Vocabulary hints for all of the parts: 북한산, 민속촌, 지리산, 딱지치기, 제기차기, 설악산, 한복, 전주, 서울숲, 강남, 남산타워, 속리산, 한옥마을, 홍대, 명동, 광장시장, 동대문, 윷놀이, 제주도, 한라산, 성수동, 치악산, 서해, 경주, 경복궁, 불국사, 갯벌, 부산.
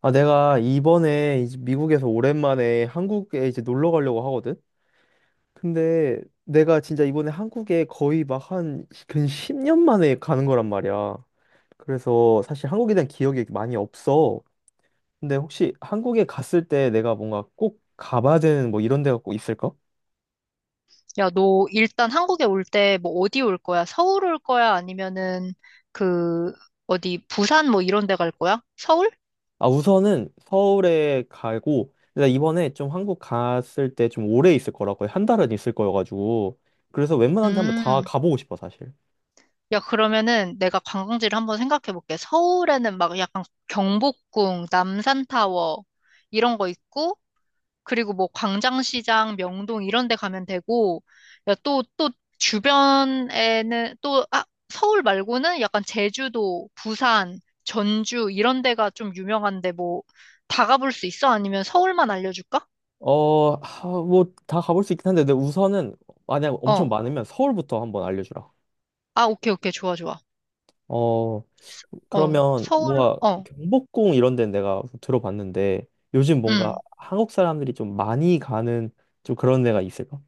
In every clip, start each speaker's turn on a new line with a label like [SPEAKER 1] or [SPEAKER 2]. [SPEAKER 1] 아, 내가 이번에 이제 미국에서 오랜만에 한국에 이제 놀러 가려고 하거든? 근데 내가 진짜 이번에 한국에 거의 막 한 근 10년 만에 가는 거란 말이야. 그래서 사실 한국에 대한 기억이 많이 없어. 근데 혹시 한국에 갔을 때 내가 뭔가 꼭 가봐야 되는 뭐 이런 데가 꼭 있을까?
[SPEAKER 2] 야, 너 일단 한국에 올 때 뭐 어디 올 거야? 서울 올 거야? 아니면은 그 어디 부산 뭐 이런 데 갈 거야? 서울?
[SPEAKER 1] 아, 우선은 서울에 가고, 내가 이번에 좀 한국 갔을 때 좀 오래 있을 거라 거의 한 달은 있을 거여가지고, 그래서 웬만한 데 한번 다
[SPEAKER 2] 음.
[SPEAKER 1] 가보고 싶어, 사실.
[SPEAKER 2] 야, 그러면은 내가 관광지를 한번 생각해 볼게. 서울에는 막 약간 경복궁, 남산타워 이런 거 있고, 그리고 뭐 광장시장, 명동 이런 데 가면 되고, 야, 또 주변에는 또, 아, 서울 말고는 약간 제주도, 부산, 전주 이런 데가 좀 유명한데 뭐 다 가볼 수 있어? 아니면 서울만 알려줄까?
[SPEAKER 1] 어, 뭐 다 가볼 수 있긴 한데, 근데 우선은 만약 엄청
[SPEAKER 2] 어.
[SPEAKER 1] 많으면 서울부터 한번 알려주라.
[SPEAKER 2] 아, 오케이, 오케이. 좋아, 좋아.
[SPEAKER 1] 어,
[SPEAKER 2] 어,
[SPEAKER 1] 그러면
[SPEAKER 2] 서울,
[SPEAKER 1] 뭔가
[SPEAKER 2] 어,
[SPEAKER 1] 경복궁 이런 데는 내가 들어봤는데 요즘 뭔가
[SPEAKER 2] 음.
[SPEAKER 1] 한국 사람들이 좀 많이 가는 좀 그런 데가 있을까?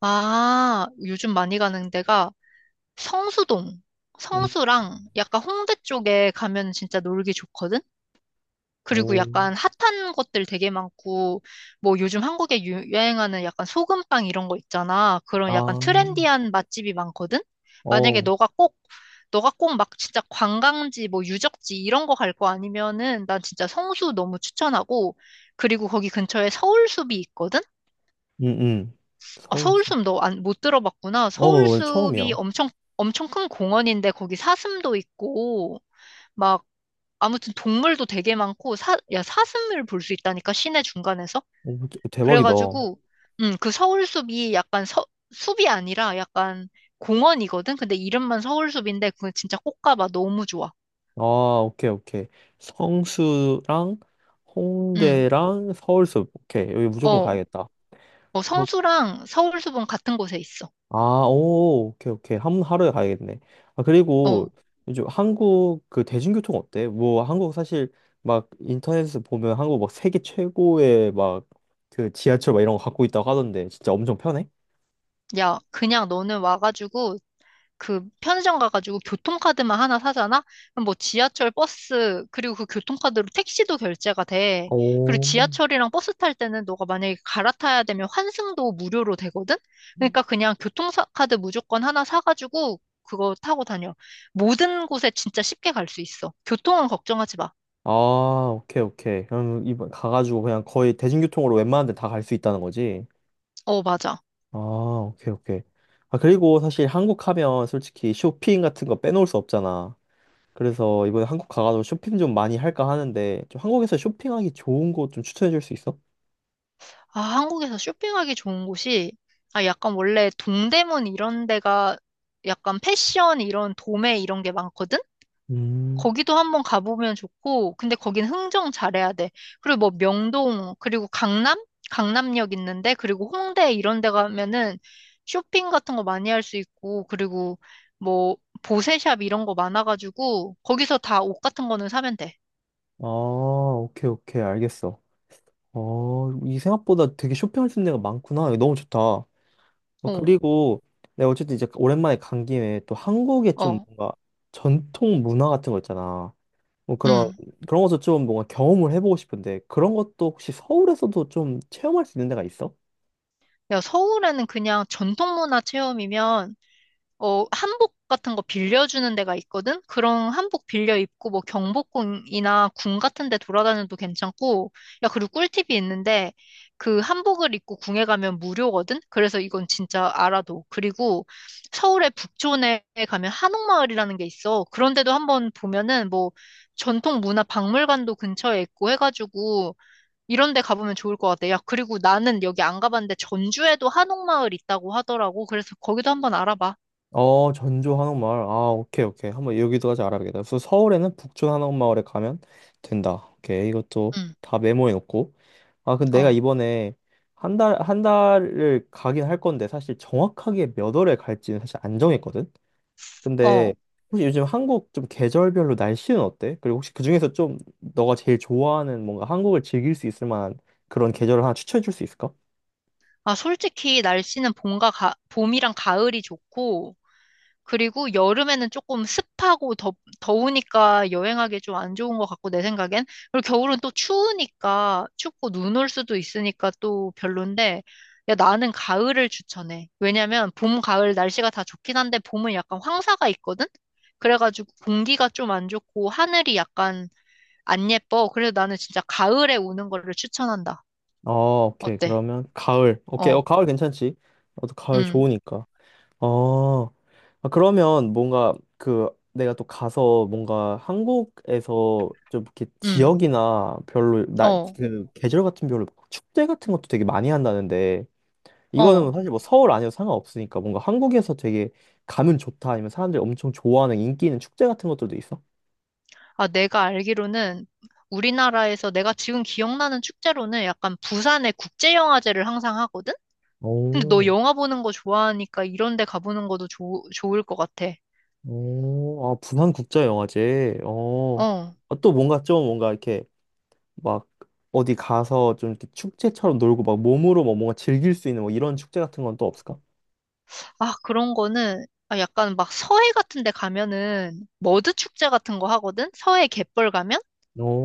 [SPEAKER 2] 아, 요즘 많이 가는 데가 성수동,
[SPEAKER 1] 음,
[SPEAKER 2] 성수랑 약간 홍대 쪽에 가면 진짜 놀기 좋거든? 그리고
[SPEAKER 1] 오,
[SPEAKER 2] 약간 핫한 것들 되게 많고, 뭐 요즘 한국에 유행하는 약간 소금빵 이런 거 있잖아. 그런 약간
[SPEAKER 1] 아,
[SPEAKER 2] 트렌디한 맛집이 많거든? 만약에
[SPEAKER 1] 어,
[SPEAKER 2] 너가 꼭, 너가 꼭 막 진짜 관광지, 뭐 유적지 이런 거 갈 거 아니면은 난 진짜 성수 너무 추천하고, 그리고 거기 근처에 서울숲이 있거든?
[SPEAKER 1] 음,
[SPEAKER 2] 아,
[SPEAKER 1] 서울에서.
[SPEAKER 2] 서울숲 너 안, 못 들어봤구나.
[SPEAKER 1] 어, 처음이야.
[SPEAKER 2] 엄청 큰 공원인데 거기 사슴도 있고, 막 아무튼 동물도 되게 많고 야, 사슴을 볼 수 있다니까 시내 중간에서.
[SPEAKER 1] 오, 대박이다.
[SPEAKER 2] 그래가지고 음, 그 서울숲이 약간 서, 숲이 아니라 약간 공원이거든. 근데 이름만 서울숲인데 그건 진짜 꼭 가봐. 너무 좋아.
[SPEAKER 1] 아, 오케이, 오케이. 성수랑
[SPEAKER 2] 음.
[SPEAKER 1] 홍대랑 서울숲. 오케이, 여기 무조건
[SPEAKER 2] 어.
[SPEAKER 1] 가야겠다.
[SPEAKER 2] 어, 성수랑 서울숲은 같은 곳에 있어.
[SPEAKER 1] 아, 오, 오케이, 오케이. 하루에 가야겠네. 아, 그리고
[SPEAKER 2] 어.
[SPEAKER 1] 요즘 한국 그 대중교통 어때? 뭐, 한국 사실 막 인터넷에서 보면 한국 막 세계 최고의 막 그 지하철 막 이런 거 갖고 있다고 하던데 진짜 엄청 편해?
[SPEAKER 2] 야, 그냥 너는 와가지고 그 편의점 가가지고 교통카드만 하나 사잖아? 그럼 뭐 지하철, 버스, 그리고 그 교통카드로 택시도 결제가 돼. 그리고
[SPEAKER 1] 오.
[SPEAKER 2] 지하철이랑 버스 탈 때는 너가 만약에 갈아타야 되면 환승도 무료로 되거든? 그러니까 그냥 교통카드 무조건 하나 사가지고 그거 타고 다녀. 모든 곳에 진짜 쉽게 갈 수 있어. 교통은 걱정하지 마.
[SPEAKER 1] 아, 오케이, 오케이. 그럼 이번 가가지고 그냥 거의 대중교통으로 웬만한 데 다 갈 수 있다는 거지?
[SPEAKER 2] 어, 맞아.
[SPEAKER 1] 아, 오케이, 오케이. 아, 그리고 사실 한국 하면 솔직히 쇼핑 같은 거 빼놓을 수 없잖아. 그래서 이번에 한국 가가지고 쇼핑 좀 많이 할까 하는데 좀 한국에서 쇼핑하기 좋은 곳 좀 추천해 줄 수 있어?
[SPEAKER 2] 아, 한국에서 쇼핑하기 좋은 곳이, 아, 약간 원래 동대문 이런 데가 약간 패션 이런 도매 이런 게 많거든?
[SPEAKER 1] 음,
[SPEAKER 2] 거기도 한번 가보면 좋고, 근데 거긴 흥정 잘해야 돼. 그리고 뭐 명동, 그리고 강남? 강남역 있는데, 그리고 홍대 이런 데 가면은 쇼핑 같은 거 많이 할 수 있고, 그리고 뭐 보세샵 이런 거 많아가지고, 거기서 다 옷 같은 거는 사면 돼.
[SPEAKER 1] 아, 오케이, 오케이, 알겠어. 어, 이 생각보다 되게 쇼핑할 수 있는 데가 많구나. 이거 너무 좋다. 어,
[SPEAKER 2] 어,
[SPEAKER 1] 그리고 내가 어쨌든 이제 오랜만에 간 김에 또 한국의 좀
[SPEAKER 2] 어,
[SPEAKER 1] 뭔가 전통 문화 같은 거 있잖아. 뭐 그런,
[SPEAKER 2] 음.
[SPEAKER 1] 그런 것도 좀 뭔가 경험을 해보고 싶은데 그런 것도 혹시 서울에서도 좀 체험할 수 있는 데가 있어?
[SPEAKER 2] 야, 서울에는 그냥 전통 문화 체험이면 어, 한복 같은 거 빌려주는 데가 있거든? 그런 한복 빌려 입고 뭐 경복궁이나 궁 같은 데 돌아다녀도 괜찮고, 야, 그리고 꿀팁이 있는데, 그 한복을 입고 궁에 가면 무료거든? 그래서 이건 진짜 알아둬. 그리고 서울의 북촌에 가면 한옥마을이라는 게 있어. 그런데도 한번 보면은 뭐 전통 문화 박물관도 근처에 있고 해가지고, 이런 데 가보면 좋을 것 같아. 야, 그리고 나는 여기 안 가봤는데 전주에도 한옥마을 있다고 하더라고. 그래서 거기도 한번 알아봐.
[SPEAKER 1] 어, 전주 한옥마을. 아, 오케이, 오케이. 한번 여기도까지 알아야겠다. 그래서 서울에는 북촌 한옥마을에 가면 된다. 오케이. 이것도
[SPEAKER 2] 응.
[SPEAKER 1] 다 메모해 놓고. 아, 근데 내가
[SPEAKER 2] 어,
[SPEAKER 1] 이번에 한 달을 가긴 할 건데, 사실 정확하게 몇 월에 갈지는 사실 안 정했거든? 근데
[SPEAKER 2] 어.
[SPEAKER 1] 혹시 요즘 한국 좀 계절별로 날씨는 어때? 그리고 혹시 그중에서 좀 너가 제일 좋아하는 뭔가 한국을 즐길 수 있을 만한 그런 계절을 하나 추천해 줄 수 있을까?
[SPEAKER 2] 아, 솔직히 날씨는 봄이랑 가을이 좋고, 그리고 여름에는 더우니까 여행하기 좀 안 좋은 것 같고, 내 생각엔. 그리고 겨울은 또 추우니까, 춥고 눈 올 수도 있으니까 또 별론데, 야, 나는 가을을 추천해. 왜냐면 봄, 가을 날씨가 다 좋긴 한데, 봄은 약간 황사가 있거든? 그래가지고 공기가 좀 안 좋고, 하늘이 약간 안 예뻐. 그래서 나는 진짜 가을에 오는 거를 추천한다.
[SPEAKER 1] 어, 오케이.
[SPEAKER 2] 어때?
[SPEAKER 1] 그러면 가을. 오케이. 어,
[SPEAKER 2] 어,
[SPEAKER 1] 가을 괜찮지? 나도 가을
[SPEAKER 2] 음
[SPEAKER 1] 좋으니까. 어, 아, 그러면 뭔가 그 내가 또 가서 뭔가 한국에서 좀 이렇게
[SPEAKER 2] 음, 어,
[SPEAKER 1] 그 계절 같은 별로 축제 같은 것도 되게 많이 한다는데 이거는
[SPEAKER 2] 어.
[SPEAKER 1] 사실 뭐 서울 아니어도 상관없으니까 뭔가 한국에서 되게 가면 좋다 아니면 사람들이 엄청 좋아하는 인기 있는 축제 같은 것들도 있어?
[SPEAKER 2] 아, 내가 알기로는 우리나라에서 내가 지금 기억나는 축제로는 약간 부산의 국제영화제를 항상 하거든? 근데 너
[SPEAKER 1] 오,
[SPEAKER 2] 영화 보는 거 좋아하니까 이런 데 가보는 것도 좋 좋을 것 같아.
[SPEAKER 1] 오, 아, 부산국제영화제. 어,
[SPEAKER 2] 어.
[SPEAKER 1] 아, 또 뭔가 좀 뭔가 이렇게 막 어디 가서 좀 이렇게 축제처럼 놀고 막 몸으로 뭐 뭔가 즐길 수 있는 뭐 이런 축제 같은 건 또 없을까?
[SPEAKER 2] 아, 그런 거는 아, 약간 막 서해 같은 데 가면은 머드 축제 같은 거 하거든? 서해 갯벌 가면?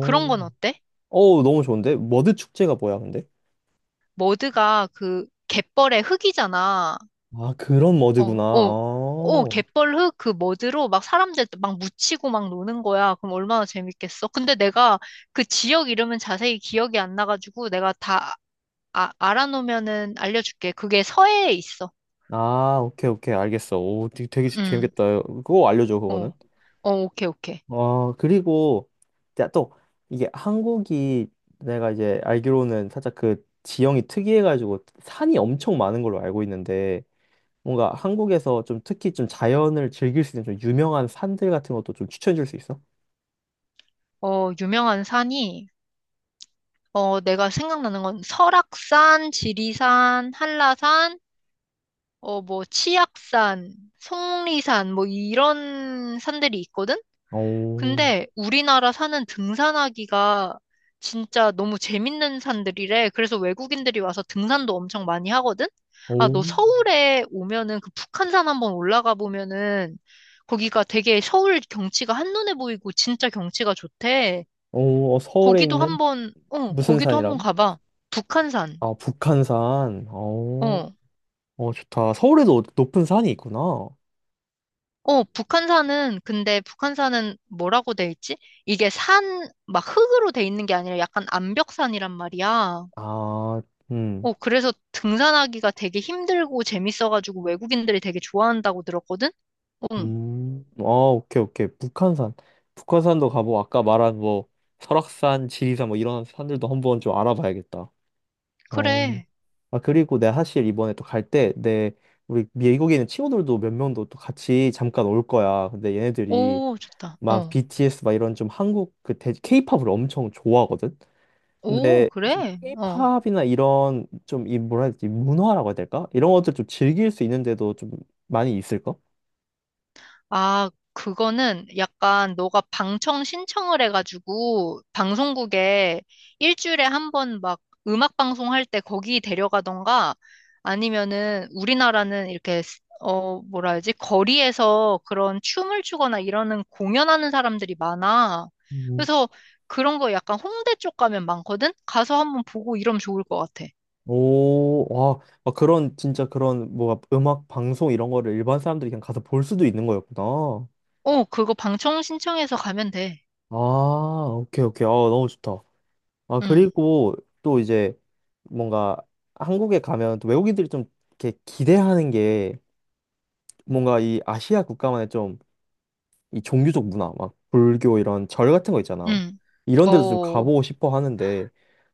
[SPEAKER 2] 그런 건 어때?
[SPEAKER 1] 어 너무 좋은데? 머드 축제가 뭐야, 근데?
[SPEAKER 2] 머드가 그 갯벌의 흙이잖아.
[SPEAKER 1] 아, 그런
[SPEAKER 2] 어,
[SPEAKER 1] 머드구나.
[SPEAKER 2] 어, 어,
[SPEAKER 1] 아,
[SPEAKER 2] 갯벌 흙 그 머드로 막 사람들 막 묻히고 막 노는 거야. 그럼 얼마나 재밌겠어. 근데 내가 그 지역 이름은 자세히 기억이 안 나가지고 내가 다 아, 알아놓으면은 알려줄게. 그게 서해에 있어.
[SPEAKER 1] 아, 오케이, 오케이, 알겠어. 오, 되게
[SPEAKER 2] 응,
[SPEAKER 1] 재밌겠다. 그거 알려줘, 그거는.
[SPEAKER 2] 어, 어, 오케이, 오케이.
[SPEAKER 1] 아, 그리고, 자, 또, 이게 한국이 내가 이제 알기로는 살짝 그 지형이 특이해가지고 산이 엄청 많은 걸로 알고 있는데, 뭔가 한국에서 좀 특히 좀 자연을 즐길 수 있는 좀 유명한 산들 같은 것도 좀 추천해 줄 수 있어?
[SPEAKER 2] 어, 유명한 산이, 어, 내가 생각나는 건 설악산, 지리산, 한라산, 어, 뭐, 치악산, 속리산, 뭐, 이런 산들이 있거든?
[SPEAKER 1] 오,
[SPEAKER 2] 근데 우리나라 산은 등산하기가 진짜 너무 재밌는 산들이래. 그래서 외국인들이 와서 등산도 엄청 많이 하거든? 아,
[SPEAKER 1] 오,
[SPEAKER 2] 너 서울에 오면은 그 북한산 한번 올라가 보면은 거기가 되게 서울 경치가 한눈에 보이고 진짜 경치가 좋대.
[SPEAKER 1] 오, 어, 서울에 있는 무슨
[SPEAKER 2] 거기도 한번
[SPEAKER 1] 산이라고?
[SPEAKER 2] 가봐. 북한산.
[SPEAKER 1] 아, 북한산. 어,
[SPEAKER 2] 어.
[SPEAKER 1] 어, 좋다. 서울에도 높은 산이 있구나.
[SPEAKER 2] 어, 근데 북한산은 뭐라고 돼 있지? 막 흙으로 돼 있는 게 아니라 약간 암벽산이란 말이야.
[SPEAKER 1] 아, 음,
[SPEAKER 2] 어, 그래서 등산하기가 되게 힘들고 재밌어가지고 외국인들이 되게 좋아한다고 들었거든? 응,
[SPEAKER 1] 아, 오케이, 오케이. 북한산. 북한산도 가보고, 아까 말한 뭐, 설악산, 지리산 뭐 이런 산들도 한번 좀 알아봐야겠다. 어.
[SPEAKER 2] 그래.
[SPEAKER 1] 아, 그리고 내가 사실 이번에 또 갈 때, 우리 미국에 있는 친구들도 몇 명도 또 같이 잠깐 올 거야. 근데 얘네들이
[SPEAKER 2] 오, 좋다.
[SPEAKER 1] 막
[SPEAKER 2] 어.
[SPEAKER 1] BTS 막 이런 좀 o 팝을 엄청 좋아하거든?
[SPEAKER 2] 오,
[SPEAKER 1] 근데 좀
[SPEAKER 2] 그래? 어.
[SPEAKER 1] K-팝이나 이런 좀 이 뭐라 해야 되지? 문화라고 해야 될까? 이런 것들 좀 즐길 수 있는데도 좀 많이 있을까?
[SPEAKER 2] 아, 그거는 약간 너가 방청 신청을 해가지고 방송국에 일주일에 한 번 막 음악 방송할 때 거기 데려가던가 아니면은 우리나라는 이렇게 어, 뭐라 해야지? 거리에서 그런 춤을 추거나 이러는 공연하는 사람들이 많아.
[SPEAKER 1] 음.
[SPEAKER 2] 그래서 그런 거 약간 홍대 쪽 가면 많거든? 가서 한번 보고 이러면 좋을 것 같아.
[SPEAKER 1] 오, 와, 아, 뭐가 음악 방송 이런 거를 일반 사람들이 그냥 가서 볼 수도 있는 거였구나.
[SPEAKER 2] 어, 그거 방청 신청해서 가면 돼.
[SPEAKER 1] 아, 오케이, 오케이. 아, 너무 좋다. 아,
[SPEAKER 2] 응,
[SPEAKER 1] 그리고 또 이제 뭔가 한국에 가면 또 외국인들이 좀 이렇게 기대하는 게 뭔가 이 아시아 국가만의 좀 이 종교적 문화, 막 불교 이런 절 같은 거 있잖아.
[SPEAKER 2] 응.
[SPEAKER 1] 이런 데도 좀
[SPEAKER 2] 어.
[SPEAKER 1] 가보고 싶어 하는데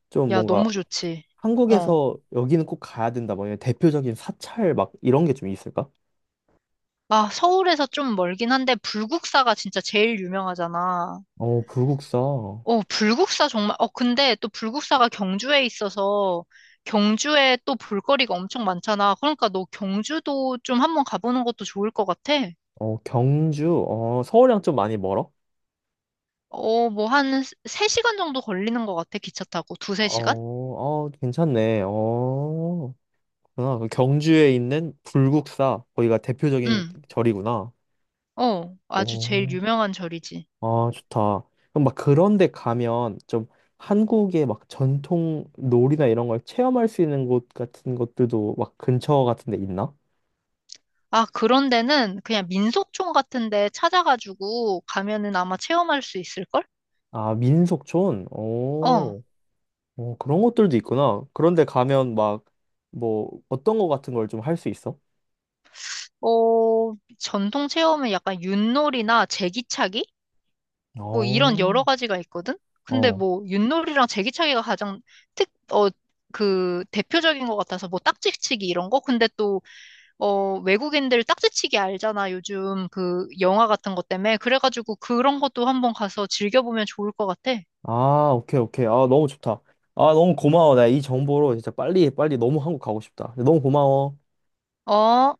[SPEAKER 1] 좀
[SPEAKER 2] 야,
[SPEAKER 1] 뭔가
[SPEAKER 2] 너무 좋지. 어.
[SPEAKER 1] 한국에서 여기는 꼭 가야 된다. 뭐 이런 대표적인 사찰 막 이런 게 좀 있을까?
[SPEAKER 2] 아, 서울에서 좀 멀긴 한데, 불국사가 진짜 제일 유명하잖아.
[SPEAKER 1] 어, 불국사. 어,
[SPEAKER 2] 어, 근데 또 불국사가 경주에 있어서, 경주에 또 볼거리가 엄청 많잖아. 그러니까 너 경주도 좀 한번 가보는 것도 좋을 것 같아.
[SPEAKER 1] 경주. 어, 서울이랑 좀 많이 멀어?
[SPEAKER 2] 어, 뭐 한 3시간 정도 걸리는 것 같아, 기차 타고. 두세
[SPEAKER 1] 어,
[SPEAKER 2] 시간?
[SPEAKER 1] 어, 괜찮네. 어. 아, 경주에 있는 불국사, 거기가 대표적인
[SPEAKER 2] 응.
[SPEAKER 1] 절이구나.
[SPEAKER 2] 어, 아주 제일
[SPEAKER 1] 오,
[SPEAKER 2] 유명한 절이지.
[SPEAKER 1] 아, 좋다. 그럼 막 그런 데 가면 좀 한국의 막 전통 놀이나 이런 걸 체험할 수 있는 곳 같은 것들도 막 근처 같은 데 있나?
[SPEAKER 2] 아, 그런 데는 그냥 민속촌 같은 데 찾아가지고 가면은 아마 체험할 수 있을걸?
[SPEAKER 1] 아, 민속촌?
[SPEAKER 2] 어.
[SPEAKER 1] 오, 오, 그런 것들도 있구나. 그런데 가면 막 뭐 어떤 거 같은 걸 좀 할 수 있어?
[SPEAKER 2] 어, 전통 체험은 약간 윷놀이나 제기차기? 뭐 이런
[SPEAKER 1] 어,
[SPEAKER 2] 여러 가지가 있거든? 근데
[SPEAKER 1] 어.
[SPEAKER 2] 뭐 윷놀이랑 제기차기가 가장 특, 어, 그 대표적인 것 같아서 뭐 딱지치기 이런 거? 근데 또, 어, 외국인들 딱지치기 알잖아. 요즘 그 영화 같은 것 때문에. 그래가지고 그런 것도 한번 가서 즐겨보면 좋을 것 같아.
[SPEAKER 1] 아, 오케이, 오케이. 아, 너무 좋다. 아, 너무 고마워. 나 이 정보로 진짜 빨리 너무 한국 가고 싶다. 너무 고마워.
[SPEAKER 2] 어?